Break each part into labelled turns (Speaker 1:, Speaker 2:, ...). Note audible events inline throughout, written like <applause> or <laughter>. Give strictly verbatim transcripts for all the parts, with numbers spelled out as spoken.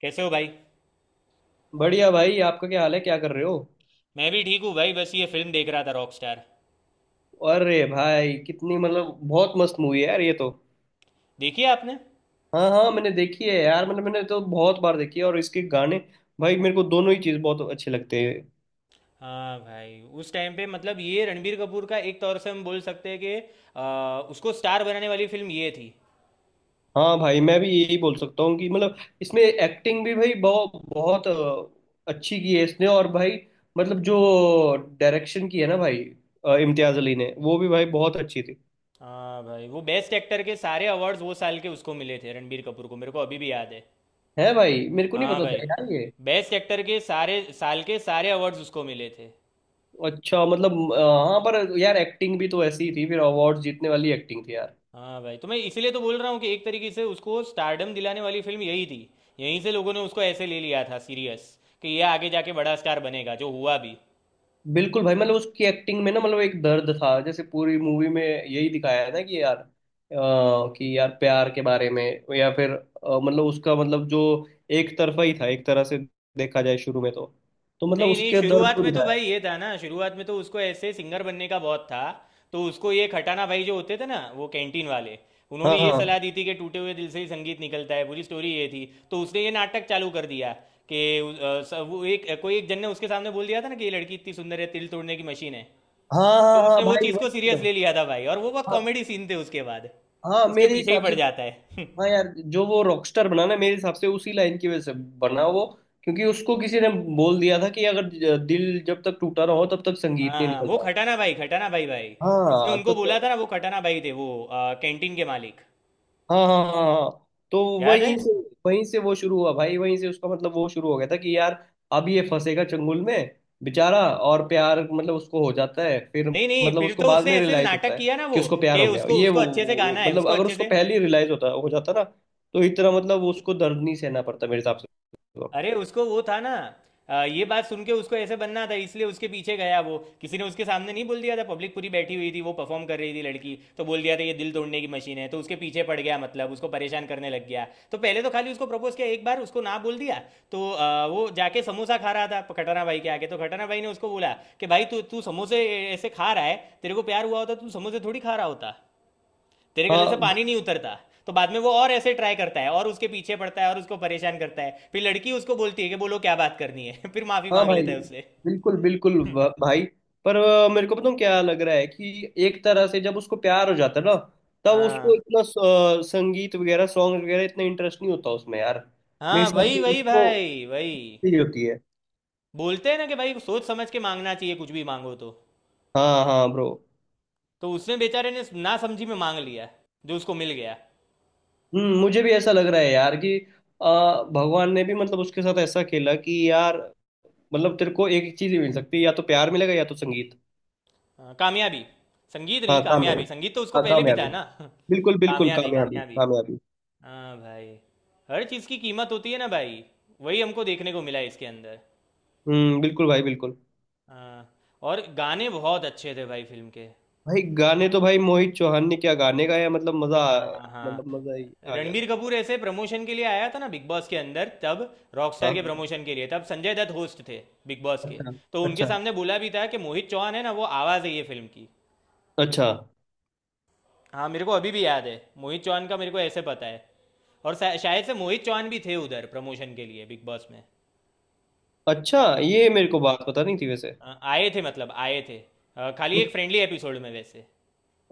Speaker 1: कैसे हो भाई।
Speaker 2: बढ़िया भाई। आपका क्या हाल है? क्या कर रहे हो?
Speaker 1: मैं भी ठीक हूँ भाई, बस ये फिल्म देख रहा था, रॉक स्टार।
Speaker 2: अरे भाई, कितनी मतलब बहुत मस्त मूवी है यार ये तो।
Speaker 1: देखी है आपने?
Speaker 2: हाँ हाँ, मैंने देखी है यार, मतलब मैंने तो बहुत बार देखी है। और इसके गाने, भाई मेरे को दोनों ही चीज़ बहुत अच्छे लगते हैं।
Speaker 1: हाँ भाई, उस टाइम पे मतलब ये रणबीर कपूर का एक तौर से हम बोल सकते हैं कि आ, उसको स्टार बनाने वाली फिल्म ये थी।
Speaker 2: हाँ भाई, मैं भी यही बोल सकता हूँ कि मतलब इसमें एक्टिंग भी भाई बहुत बहुत अ, अच्छी की है इसने। और भाई मतलब जो डायरेक्शन की है ना भाई, अ, इम्तियाज अली ने, वो भी भाई बहुत अच्छी थी।
Speaker 1: हाँ भाई, वो बेस्ट एक्टर के सारे अवार्ड्स वो साल के उसको मिले थे रणबीर कपूर को, मेरे को अभी भी याद है।
Speaker 2: है भाई, मेरे को नहीं
Speaker 1: हाँ
Speaker 2: पता
Speaker 1: भाई,
Speaker 2: था यार ये।
Speaker 1: बेस्ट एक्टर के सारे साल के सारे अवार्ड्स उसको मिले थे।
Speaker 2: अच्छा मतलब अ, हाँ, पर यार एक्टिंग भी तो ऐसी ही थी फिर, अवार्ड जीतने वाली एक्टिंग थी यार।
Speaker 1: हाँ भाई, तो मैं इसीलिए तो बोल रहा हूँ कि एक तरीके से उसको स्टारडम दिलाने वाली फिल्म यही थी। यहीं से लोगों ने उसको ऐसे ले लिया था सीरियस, कि ये आगे जाके बड़ा स्टार बनेगा, जो हुआ भी।
Speaker 2: बिल्कुल भाई, मतलब उसकी एक्टिंग में ना मतलब एक दर्द था, जैसे पूरी मूवी में यही दिखाया है ना कि यार अ, कि यार प्यार के बारे में, या फिर अ, मतलब उसका मतलब जो एक तरफा ही था, एक तरह से देखा जाए शुरू में तो तो मतलब
Speaker 1: नहीं नहीं,
Speaker 2: उसके दर्द
Speaker 1: शुरुआत
Speaker 2: को
Speaker 1: में तो
Speaker 2: दिखाया।
Speaker 1: भाई ये था ना, शुरुआत में तो उसको ऐसे सिंगर बनने का बहुत था। तो उसको ये खटाना भाई जो होते थे ना, वो कैंटीन वाले। उन्होंने
Speaker 2: हाँ
Speaker 1: ये सलाह
Speaker 2: हाँ
Speaker 1: दी थी कि टूटे हुए दिल से ही संगीत निकलता है, पूरी स्टोरी ये थी। तो उसने ये नाटक चालू कर दिया कि अ, स- वो एक कोई एक जन ने उसके सामने बोल दिया था ना कि ये लड़की इतनी सुंदर है, तिल तोड़ने की मशीन है।
Speaker 2: हाँ हाँ,
Speaker 1: तो
Speaker 2: हाँ
Speaker 1: उसने वो
Speaker 2: भाई
Speaker 1: चीज़ को सीरियस
Speaker 2: भाई।
Speaker 1: ले लिया था भाई, और वो बहुत
Speaker 2: हाँ
Speaker 1: कॉमेडी सीन थे उसके बाद।
Speaker 2: हाँ,
Speaker 1: उसके
Speaker 2: मेरे
Speaker 1: पीछे ही
Speaker 2: हिसाब
Speaker 1: पड़
Speaker 2: से
Speaker 1: जाता है।
Speaker 2: तो। हाँ
Speaker 1: <laughs>
Speaker 2: यार, जो वो रॉकस्टार बना ना मेरे हिसाब से उसी लाइन की वजह से बना वो। क्योंकि उसको किसी ने बोल दिया था कि अगर ज- दिल जब तक टूटा ना हो तब तक
Speaker 1: हाँ
Speaker 2: संगीत नहीं
Speaker 1: हाँ, वो
Speaker 2: निकलता।
Speaker 1: खटाना भाई, खटाना भाई भाई। जिसने
Speaker 2: हाँ तो,
Speaker 1: उनको बोला था
Speaker 2: तो
Speaker 1: ना वो खटाना भाई थे, वो आ, कैंटीन के मालिक।
Speaker 2: हाँ हाँ हाँ हाँ। तो
Speaker 1: याद
Speaker 2: वहीं
Speaker 1: है?
Speaker 2: से वहीं से वो शुरू हुआ भाई, वहीं से उसका मतलब वो शुरू हो गया था कि यार अब ये फंसेगा चंगुल में बेचारा। और प्यार मतलब उसको हो जाता है फिर,
Speaker 1: नहीं नहीं,
Speaker 2: मतलब
Speaker 1: फिर
Speaker 2: उसको
Speaker 1: तो
Speaker 2: बाद
Speaker 1: उसने
Speaker 2: में
Speaker 1: ऐसे
Speaker 2: रियलाइज होता
Speaker 1: नाटक
Speaker 2: है
Speaker 1: किया ना
Speaker 2: कि
Speaker 1: वो,
Speaker 2: उसको प्यार
Speaker 1: कि
Speaker 2: हो गया,
Speaker 1: उसको
Speaker 2: ये
Speaker 1: उसको
Speaker 2: वो
Speaker 1: अच्छे से
Speaker 2: वो-
Speaker 1: गाना है,
Speaker 2: मतलब
Speaker 1: उसको
Speaker 2: अगर
Speaker 1: अच्छे
Speaker 2: उसको
Speaker 1: से।
Speaker 2: पहले ही रियलाइज होता, हो जाता ना, तो इतना मतलब उसको दर्द नहीं सहना पड़ता मेरे हिसाब से।
Speaker 1: अरे उसको वो था ना, अ, ये बात सुन के उसको ऐसे बनना था इसलिए उसके पीछे गया वो। किसी ने उसके सामने नहीं बोल दिया था, पब्लिक पूरी बैठी हुई थी, वो परफॉर्म कर रही थी लड़की, तो बोल दिया था ये दिल तोड़ने की मशीन है, तो उसके पीछे पड़ गया, मतलब उसको परेशान करने लग गया। तो पहले तो खाली उसको प्रपोज किया, एक बार उसको ना बोल दिया। तो अ, वो जाके समोसा खा रहा था खटाना भाई के आगे, तो खटाना भाई ने उसको बोला कि भाई तू तू समोसे ऐसे खा रहा है, तेरे को प्यार हुआ होता तो तू समोसे थोड़ी खा रहा होता, तेरे गले से
Speaker 2: हाँ
Speaker 1: पानी नहीं उतरता। तो बाद में वो और ऐसे ट्राई करता है और उसके पीछे पड़ता है और उसको परेशान करता है, फिर लड़की उसको बोलती है कि बोलो क्या बात करनी है। <laughs> फिर माफी
Speaker 2: हाँ
Speaker 1: मांग
Speaker 2: भाई।
Speaker 1: लेता है उससे।
Speaker 2: बिल्कुल बिल्कुल भ-
Speaker 1: <laughs>
Speaker 2: भाई। पर अ, मेरे को पता क्या लग रहा है कि एक तरह से जब उसको प्यार हो जाता है ना, तब उसको
Speaker 1: हाँ
Speaker 2: इतना स- अ, संगीत वगैरह, सॉन्ग वगैरह इतना इंटरेस्ट नहीं होता उसमें यार। मेरे
Speaker 1: हाँ,
Speaker 2: हिसाब
Speaker 1: वही
Speaker 2: से
Speaker 1: वही
Speaker 2: उसको
Speaker 1: भाई, वही।
Speaker 2: फील होती है।
Speaker 1: बोलते हैं ना कि भाई सोच समझ के मांगना चाहिए, कुछ भी मांगो तो।
Speaker 2: हाँ हाँ ब्रो।
Speaker 1: तो उसने बेचारे ने ना समझी में मांग लिया, जो उसको मिल गया।
Speaker 2: हम्म, मुझे भी ऐसा लग रहा है यार कि अ, भगवान ने भी मतलब उसके साथ ऐसा खेला कि यार मतलब तेरे को एक ही चीज ही मिल सकती है, या तो प्यार मिलेगा या तो संगीत।
Speaker 1: हाँ, कामयाबी। संगीत नहीं
Speaker 2: हाँ कामयाबी।
Speaker 1: कामयाबी, संगीत तो उसको
Speaker 2: हाँ
Speaker 1: पहले भी
Speaker 2: कामयाबी।
Speaker 1: था ना। <laughs>
Speaker 2: बिल्कुल बिल्कुल,
Speaker 1: कामयाबी
Speaker 2: कामयाबी
Speaker 1: कामयाबी।
Speaker 2: कामयाबी।
Speaker 1: हाँ भाई, हर चीज़ की कीमत होती है ना भाई, वही हमको देखने को मिला इसके अंदर।
Speaker 2: हम्म, बिल्कुल भाई बिल्कुल।
Speaker 1: हाँ, और गाने बहुत अच्छे थे भाई फिल्म के।
Speaker 2: भाई गाने तो भाई मोहित चौहान ने क्या गाने गाया, मतलब मजा आ-
Speaker 1: हाँ हाँ,
Speaker 2: मतलब मजा ही आ गया
Speaker 1: रणबीर
Speaker 2: था।
Speaker 1: कपूर ऐसे प्रमोशन के लिए आया था ना बिग बॉस के अंदर तब,
Speaker 2: हाँ
Speaker 1: रॉकस्टार के
Speaker 2: हाँ, हाँ।
Speaker 1: प्रमोशन के लिए, तब संजय दत्त होस्ट थे बिग बॉस के।
Speaker 2: अच्छा
Speaker 1: तो उनके
Speaker 2: अच्छा।
Speaker 1: सामने बोला भी था कि मोहित चौहान है ना, वो आवाज़ है ये फिल्म की।
Speaker 2: अच्छा
Speaker 1: हाँ, मेरे को अभी भी याद है, मोहित चौहान का मेरे को ऐसे पता है। और शा- शायद से मोहित चौहान भी थे उधर प्रमोशन के लिए बिग बॉस में।
Speaker 2: अच्छा, ये मेरे को बात पता नहीं थी वैसे।
Speaker 1: अ, आए थे, मतलब आए थे अ, खाली एक
Speaker 2: ओ-
Speaker 1: फ्रेंडली एपिसोड में वैसे।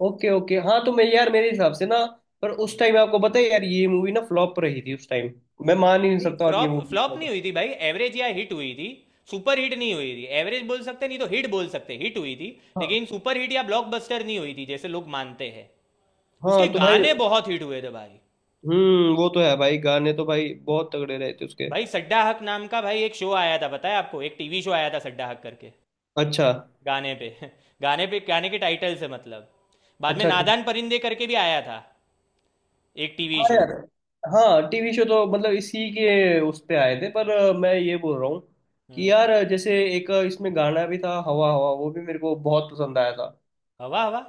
Speaker 2: ओके ओके, हाँ तो मैं यार मेरे हिसाब से ना, पर उस टाइम आपको पता है यार ये मूवी ना फ्लॉप रही थी उस टाइम। मैं मान ही नहीं
Speaker 1: नहीं,
Speaker 2: सकता और ये
Speaker 1: फ्लॉप
Speaker 2: मूवी
Speaker 1: फ्लॉप नहीं
Speaker 2: फ्लॉप।
Speaker 1: हुई थी भाई, एवरेज या हिट हुई थी। सुपर हिट नहीं हुई थी, एवरेज बोल सकते, नहीं तो हिट बोल सकते, हिट हुई थी।
Speaker 2: हाँ।
Speaker 1: लेकिन सुपर हिट या ब्लॉकबस्टर नहीं हुई थी जैसे लोग मानते हैं।
Speaker 2: हाँ
Speaker 1: उसके
Speaker 2: तो भाई,
Speaker 1: गाने बहुत हिट हुए थे भाई।
Speaker 2: हम्म वो तो है भाई, गाने तो भाई बहुत तगड़े रहे थे उसके।
Speaker 1: भाई सड्डा हक नाम का भाई एक शो आया था, पता है आपको, एक टीवी शो आया था सड्डा हक करके,
Speaker 2: अच्छा
Speaker 1: गाने पे। <laughs> गाने पे, गाने के टाइटल से मतलब। बाद में
Speaker 2: अच्छा अच्छा।
Speaker 1: नादान परिंदे करके भी आया था एक टीवी
Speaker 2: हाँ
Speaker 1: शो।
Speaker 2: यार। हाँ टीवी शो तो मतलब इसी के उस पे आए थे, पर अ, मैं ये बोल रहा हूँ कि
Speaker 1: हम्म।
Speaker 2: यार अ, जैसे एक अ, इसमें गाना भी था हवा हवा, वो भी मेरे को बहुत पसंद आया था।
Speaker 1: हवा हवा।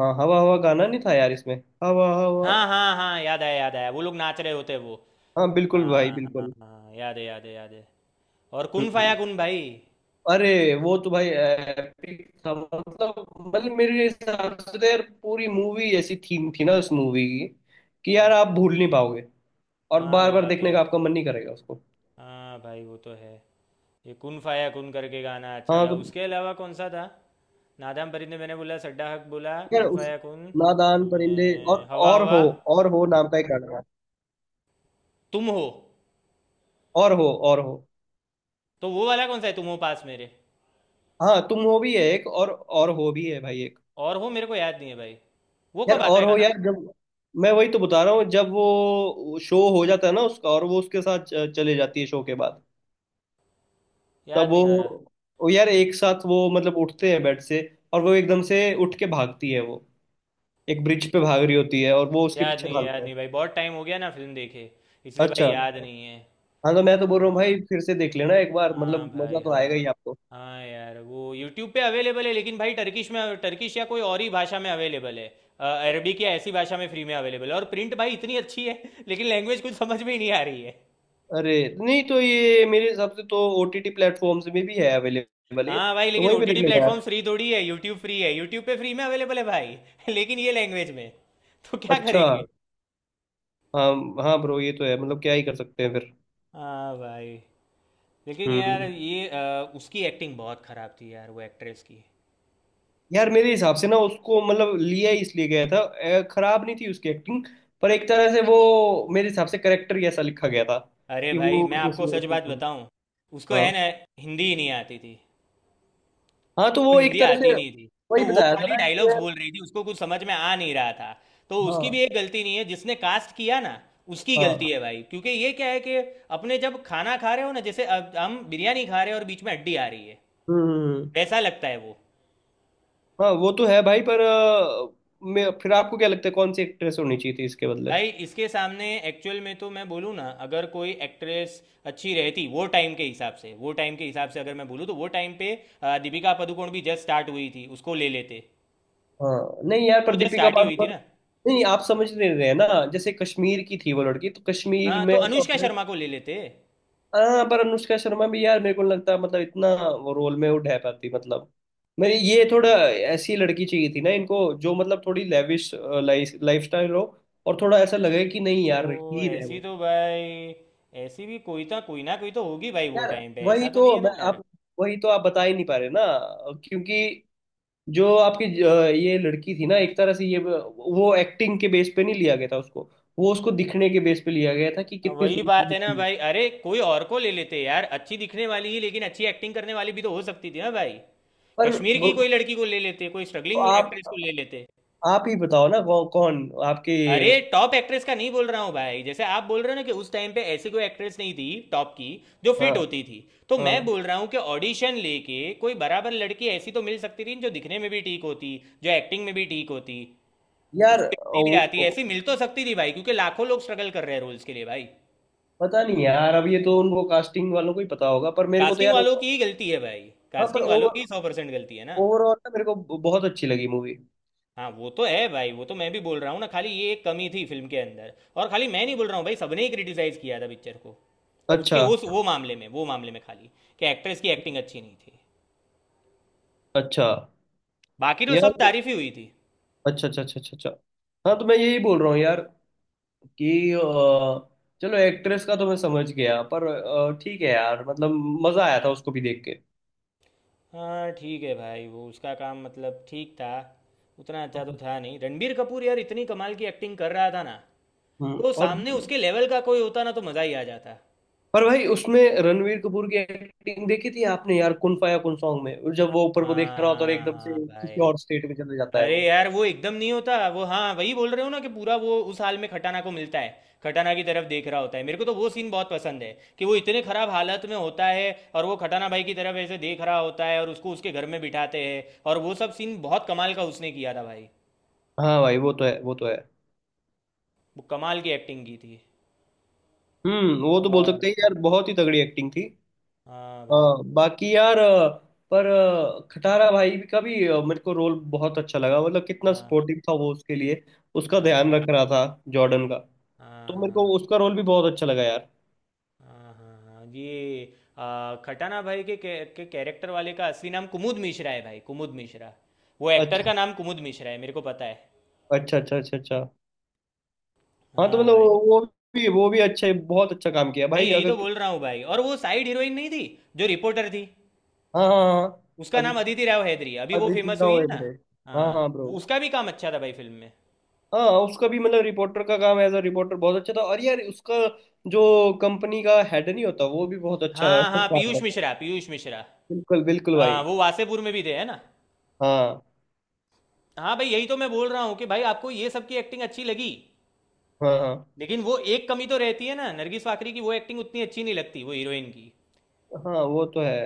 Speaker 2: हाँ हवा हवा गाना नहीं था यार इसमें? हवा हवा?
Speaker 1: हाँ हाँ हाँ, याद आया याद आया, वो लोग नाच रहे होते हैं वो।
Speaker 2: हाँ बिल्कुल भाई
Speaker 1: हाँ हाँ
Speaker 2: बिल्कुल।
Speaker 1: हाँ, याद है याद है याद है। और कुन फाया
Speaker 2: हम्म।
Speaker 1: कुन भाई।
Speaker 2: अरे, वो तो भाई एपिक था मतलब। मतलब मेरे हिसाब से तो यार पूरी मूवी ऐसी थीम थी ना उस मूवी की कि यार आप भूल नहीं पाओगे। और
Speaker 1: हाँ
Speaker 2: बार
Speaker 1: वो
Speaker 2: बार
Speaker 1: बात तो
Speaker 2: देखने
Speaker 1: है।
Speaker 2: का आपका मन नहीं करेगा उसको।
Speaker 1: हाँ भाई वो तो है। ये कुन फाया कुन करके गाना अच्छा
Speaker 2: हाँ
Speaker 1: था,
Speaker 2: तो
Speaker 1: उसके अलावा कौन सा था? नादाम फरीद ने, मैंने बोला सड्डा हक, बोला
Speaker 2: यार,
Speaker 1: कुन
Speaker 2: उस
Speaker 1: फाया कुन,
Speaker 2: नादान
Speaker 1: बाद
Speaker 2: परिंदे,
Speaker 1: में
Speaker 2: और
Speaker 1: हवा
Speaker 2: और
Speaker 1: हवा,
Speaker 2: हो, और हो नाम का एक गाना है।
Speaker 1: तुम हो।
Speaker 2: और हो, और हो।
Speaker 1: तो वो वाला कौन सा है, तुम हो पास मेरे?
Speaker 2: हाँ तुम हो भी है एक, और और हो भी है भाई एक।
Speaker 1: और हो मेरे को याद नहीं है भाई, वो
Speaker 2: यार
Speaker 1: कब आता है
Speaker 2: और हो
Speaker 1: गाना?
Speaker 2: यार, जब मैं वही तो बता रहा हूँ, जब वो शो हो जाता है ना उसका, और वो उसके साथ च- चले जाती है शो के बाद, तब
Speaker 1: याद
Speaker 2: वो
Speaker 1: नहीं आ रहा,
Speaker 2: वो यार एक साथ वो मतलब उठते हैं बेड से, और वो एकदम से उठ के भागती है वो, एक ब्रिज पे भाग रही होती है और वो उसके
Speaker 1: याद
Speaker 2: पीछे
Speaker 1: नहीं है,
Speaker 2: भागता
Speaker 1: याद
Speaker 2: है।
Speaker 1: नहीं भाई, बहुत टाइम हो गया ना फिल्म देखे, इसलिए भाई
Speaker 2: अच्छा।
Speaker 1: याद नहीं है।
Speaker 2: हाँ तो मैं तो बोल रहा हूँ
Speaker 1: हाँ,
Speaker 2: भाई फिर से देख लेना एक बार,
Speaker 1: हाँ
Speaker 2: मतलब मजा
Speaker 1: भाई,
Speaker 2: तो आएगा ही
Speaker 1: हाँ।
Speaker 2: आपको।
Speaker 1: हाँ यार, वो यूट्यूब पे अवेलेबल है, लेकिन भाई टर्किश में, टर्किश या कोई और ही भाषा में अवेलेबल है, अरबिक या ऐसी भाषा में फ्री में अवेलेबल है, और प्रिंट भाई इतनी अच्छी है। <laughs> लेकिन लैंग्वेज कुछ समझ में ही नहीं आ रही है।
Speaker 2: अरे नहीं तो, ये मेरे हिसाब से तो ओटीटी प्लेटफॉर्म्स में भी है अवेलेबल ये।
Speaker 1: हाँ भाई,
Speaker 2: तो
Speaker 1: लेकिन
Speaker 2: वहीं पे देख
Speaker 1: ओटीटी
Speaker 2: लेना
Speaker 1: प्लेटफॉर्म
Speaker 2: यार।
Speaker 1: फ्री थोड़ी है, यूट्यूब फ्री है, यूट्यूब पे फ्री में अवेलेबल है भाई। <laughs> लेकिन ये लैंग्वेज में तो क्या
Speaker 2: अच्छा।
Speaker 1: करेंगे?
Speaker 2: हाँ हाँ ब्रो, ये तो है, मतलब क्या ही कर सकते हैं फिर।
Speaker 1: हाँ भाई। लेकिन यार
Speaker 2: हम्म,
Speaker 1: ये अ, उसकी एक्टिंग बहुत खराब थी यार, वो एक्ट्रेस की।
Speaker 2: यार मेरे हिसाब से ना उसको मतलब लिया ही इसलिए गया था, अ, खराब नहीं थी उसकी एक्टिंग। पर एक तरह से वो मेरे हिसाब से करेक्टर ही ऐसा लिखा गया था
Speaker 1: अरे
Speaker 2: कि
Speaker 1: भाई,
Speaker 2: वो
Speaker 1: मैं आपको सच बात
Speaker 2: उसमें-
Speaker 1: बताऊं, उसको
Speaker 2: हाँ।
Speaker 1: है ना, हिंदी ही नहीं आती थी।
Speaker 2: हाँ तो
Speaker 1: उसको
Speaker 2: वो एक
Speaker 1: हिंदी
Speaker 2: तरह
Speaker 1: आती
Speaker 2: से,
Speaker 1: नहीं थी, तो
Speaker 2: वही
Speaker 1: वो
Speaker 2: बताया था
Speaker 1: खाली
Speaker 2: ना कि
Speaker 1: डायलॉग्स
Speaker 2: यार,
Speaker 1: बोल रही थी, उसको कुछ समझ में आ नहीं रहा था। तो उसकी
Speaker 2: हाँ
Speaker 1: भी एक गलती नहीं है, जिसने कास्ट किया ना उसकी
Speaker 2: हाँ।
Speaker 1: गलती है भाई, क्योंकि ये क्या है कि अपने जब खाना खा रहे हो ना, जैसे अब हम बिरयानी खा रहे हैं और बीच में हड्डी आ रही है,
Speaker 2: हम्म।
Speaker 1: वैसा लगता है वो।
Speaker 2: हाँ वो तो है भाई, पर अ, मैं, फिर आपको क्या लगता है कौन सी एक्ट्रेस होनी चाहिए थी इसके बदले?
Speaker 1: भाई इसके सामने एक्चुअल में तो, मैं बोलूँ ना, अगर कोई एक्ट्रेस अच्छी रहती वो टाइम के हिसाब से, वो टाइम के हिसाब से अगर मैं बोलूँ तो वो टाइम पे अ, दीपिका पादुकोण भी जस्ट स्टार्ट हुई थी, उसको ले लेते।
Speaker 2: हाँ। नहीं यार,
Speaker 1: वो
Speaker 2: पर
Speaker 1: जस्ट
Speaker 2: दीपिका
Speaker 1: स्टार्ट ही हुई थी
Speaker 2: पादुकोण।
Speaker 1: ना।
Speaker 2: नहीं आप समझ नहीं रहे हैं ना, जैसे कश्मीर की थी वो लड़की, तो कश्मीर
Speaker 1: हाँ
Speaker 2: में
Speaker 1: तो
Speaker 2: ऐसा
Speaker 1: अनुष्का
Speaker 2: होता है।
Speaker 1: शर्मा को ले लेते।
Speaker 2: हाँ पर अनुष्का शर्मा भी यार मेरे को नहीं लगता मतलब इतना वो रोल में वो ढह पाती, मतलब मेरी ये थोड़ा ऐसी लड़की चाहिए थी ना इनको जो मतलब थोड़ी लेविश लाइफ लाइफस्टाइल हो, और थोड़ा ऐसा लगे कि नहीं यार
Speaker 1: ओ
Speaker 2: हीर है
Speaker 1: ऐसी
Speaker 2: वो।
Speaker 1: तो भाई, ऐसी भी कोई तो, कोई ना कोई तो होगी भाई वो
Speaker 2: यार
Speaker 1: टाइम पे,
Speaker 2: वही
Speaker 1: ऐसा तो
Speaker 2: तो
Speaker 1: नहीं है ना
Speaker 2: मैं
Speaker 1: यार।
Speaker 2: आप वही तो आप बता ही नहीं पा रहे ना, क्योंकि जो आपकी ज- ये लड़की थी ना, एक तरह से ये वो एक्टिंग के बेस पे नहीं लिया गया था उसको, वो उसको दिखने के बेस पे लिया गया था कि
Speaker 1: हाँ,
Speaker 2: कितनी
Speaker 1: वही
Speaker 2: सुंदर
Speaker 1: बात है ना
Speaker 2: दिखती है।
Speaker 1: भाई, अरे कोई और को ले लेते यार, अच्छी दिखने वाली ही, लेकिन अच्छी एक्टिंग करने वाली भी तो हो सकती थी ना भाई।
Speaker 2: पर
Speaker 1: कश्मीर की
Speaker 2: वो-
Speaker 1: कोई लड़की को ले लेते, कोई स्ट्रगलिंग एक्ट्रेस को
Speaker 2: आप
Speaker 1: ले लेते।
Speaker 2: आप ही बताओ ना कौ, कौन आपके
Speaker 1: अरे
Speaker 2: उस।
Speaker 1: टॉप एक्ट्रेस का नहीं बोल रहा हूँ भाई, जैसे आप बोल रहे हो ना कि उस टाइम पे ऐसी कोई एक्ट्रेस नहीं थी टॉप की जो
Speaker 2: हाँ
Speaker 1: फिट होती थी, तो
Speaker 2: हाँ
Speaker 1: मैं बोल रहा हूँ कि ऑडिशन लेके कोई बराबर लड़की ऐसी तो मिल सकती थी, जो दिखने में भी ठीक होती, जो एक्टिंग में भी ठीक होती,
Speaker 2: यार
Speaker 1: उसको हिंदी भी
Speaker 2: वो
Speaker 1: आती है,
Speaker 2: वो-
Speaker 1: ऐसी मिल तो सकती थी भाई, क्योंकि लाखों लोग स्ट्रगल कर रहे हैं रोल्स के लिए भाई।
Speaker 2: पता नहीं यार, अब ये तो उनको कास्टिंग वालों को ही पता होगा, पर मेरे को तो
Speaker 1: कास्टिंग
Speaker 2: यार।
Speaker 1: वालों की ही गलती है भाई,
Speaker 2: हाँ पर
Speaker 1: कास्टिंग वालों की
Speaker 2: ओवर
Speaker 1: सौ परसेंट गलती है ना।
Speaker 2: ओवरऑल ना मेरे को ब- बहुत अच्छी लगी मूवी।
Speaker 1: हाँ वो तो है भाई, वो तो मैं भी बोल रहा हूँ ना, खाली ये एक कमी थी फिल्म के अंदर, और खाली मैं नहीं बोल रहा हूँ भाई, सबने ही क्रिटिसाइज किया था पिक्चर को,
Speaker 2: अच्छा।
Speaker 1: उसके उस वो मामले में, वो मामले में, खाली कि एक्ट्रेस की एक्टिंग अच्छी नहीं थी,
Speaker 2: अच्छा
Speaker 1: बाकी तो
Speaker 2: यार।
Speaker 1: सब तारीफ ही हुई थी।
Speaker 2: अच्छा अच्छा अच्छा अच्छा अच्छा। हाँ तो मैं यही बोल रहा हूँ यार कि अ, चलो एक्ट्रेस का तो मैं समझ गया, पर अ, ठीक है यार, मतलब मजा आया था उसको भी देख के।
Speaker 1: हाँ ठीक है भाई, वो उसका काम मतलब ठीक था, उतना अच्छा तो था नहीं, रणबीर कपूर यार इतनी कमाल की एक्टिंग कर रहा था ना,
Speaker 2: हम्म।
Speaker 1: तो
Speaker 2: और
Speaker 1: सामने उसके लेवल का कोई होता ना तो मजा ही आ जाता।
Speaker 2: पर भाई उसमें रणवीर कपूर की एक्टिंग देखी थी आपने यार कुन फाया कुन सॉन्ग में, और जब वो ऊपर को देख
Speaker 1: हाँ
Speaker 2: रहा होता है और
Speaker 1: हाँ
Speaker 2: एकदम
Speaker 1: हाँ
Speaker 2: से किसी
Speaker 1: भाई।
Speaker 2: और स्टेट में चले जाता है
Speaker 1: अरे
Speaker 2: वो।
Speaker 1: यार वो एकदम नहीं होता वो, हाँ वही बोल रहे हो ना, कि पूरा वो उस हाल में खटाना को मिलता है, खटाना की तरफ देख रहा होता है, मेरे को तो वो सीन बहुत पसंद है, कि वो इतने खराब हालत में होता है और वो खटाना भाई की तरफ ऐसे देख रहा होता है और उसको उसके घर में बिठाते हैं, और वो सब सीन बहुत कमाल का उसने किया था भाई,
Speaker 2: हाँ भाई वो तो है, वो तो है।
Speaker 1: वो कमाल की एक्टिंग की थी।
Speaker 2: हम्म, वो तो बोल
Speaker 1: और
Speaker 2: सकते हैं यार बहुत ही तगड़ी एक्टिंग थी।
Speaker 1: हाँ भाई।
Speaker 2: हाँ बाकी यार अ, पर अ, खटारा भाई का भी अ, मेरे को रोल बहुत अच्छा लगा, मतलब कितना
Speaker 1: हाँ
Speaker 2: सपोर्टिव था वो उसके लिए, उसका ध्यान रख
Speaker 1: हाँ
Speaker 2: रहा था जॉर्डन का।
Speaker 1: हाँ
Speaker 2: तो मेरे को
Speaker 1: हाँ
Speaker 2: उसका रोल भी बहुत अच्छा लगा यार।
Speaker 1: हाँ हाँ हाँ, ये आ, खटाना भाई के के, के कैरेक्टर वाले का असली नाम कुमुद मिश्रा है भाई, कुमुद मिश्रा। वो एक्टर
Speaker 2: अच्छा
Speaker 1: का नाम कुमुद मिश्रा है, मेरे को पता है।
Speaker 2: अच्छा अच्छा अच्छा अच्छा। हाँ तो
Speaker 1: हाँ
Speaker 2: मतलब
Speaker 1: भाई,
Speaker 2: वो, वो भी, वो भी अच्छा है, बहुत अच्छा काम किया
Speaker 1: मैं
Speaker 2: भाई,
Speaker 1: यही तो
Speaker 2: अगर।
Speaker 1: बोल रहा हूँ भाई। और वो साइड हीरोइन नहीं थी जो रिपोर्टर थी,
Speaker 2: हाँ हाँ हाँ।
Speaker 1: उसका नाम
Speaker 2: अदिति,
Speaker 1: अदिति राव हैदरी, अभी वो
Speaker 2: अदिति
Speaker 1: फेमस हुई
Speaker 2: राव
Speaker 1: है ना।
Speaker 2: हेगड़े। हाँ
Speaker 1: हाँ,
Speaker 2: हाँ
Speaker 1: वो-
Speaker 2: ब्रो।
Speaker 1: उसका भी काम अच्छा था भाई फिल्म में।
Speaker 2: हाँ उसका भी मतलब रिपोर्टर का काम, एज अ रिपोर्टर बहुत अच्छा था। और यार उसका जो कंपनी का हेड नहीं होता वो भी बहुत अच्छा
Speaker 1: हाँ हाँ,
Speaker 2: काम
Speaker 1: पीयूष
Speaker 2: था।
Speaker 1: मिश्रा, पीयूष मिश्रा।
Speaker 2: बिल्कुल बिल्कुल
Speaker 1: हाँ,
Speaker 2: भाई।
Speaker 1: वो वासेपुर में भी थे है ना।
Speaker 2: हाँ।
Speaker 1: हाँ भाई, यही तो मैं बोल रहा हूँ कि भाई आपको ये सब की एक्टिंग अच्छी लगी,
Speaker 2: हाँ हाँ।
Speaker 1: लेकिन वो एक कमी तो रहती है ना, नरगिस फाकरी की वो एक्टिंग उतनी अच्छी नहीं लगती, वो हीरोइन की।
Speaker 2: हाँ वो तो है।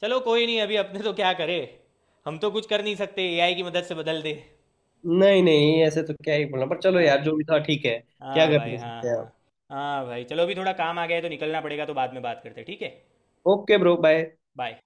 Speaker 1: चलो कोई नहीं, अभी अपने तो क्या करे, हम तो कुछ कर नहीं सकते, ए आई की मदद से बदल दे।
Speaker 2: नहीं नहीं, ऐसे तो क्या ही बोलना, पर चलो
Speaker 1: हाँ
Speaker 2: यार जो
Speaker 1: भाई,
Speaker 2: भी था ठीक है। क्या
Speaker 1: हाँ भाई,
Speaker 2: कर
Speaker 1: हाँ
Speaker 2: सकते हैं
Speaker 1: हाँ।
Speaker 2: आप।
Speaker 1: हाँ भाई, चलो अभी थोड़ा काम आ गया है तो निकलना पड़ेगा, तो बाद में बात करते हैं, ठीक है।
Speaker 2: Okay bro bye.
Speaker 1: बाय।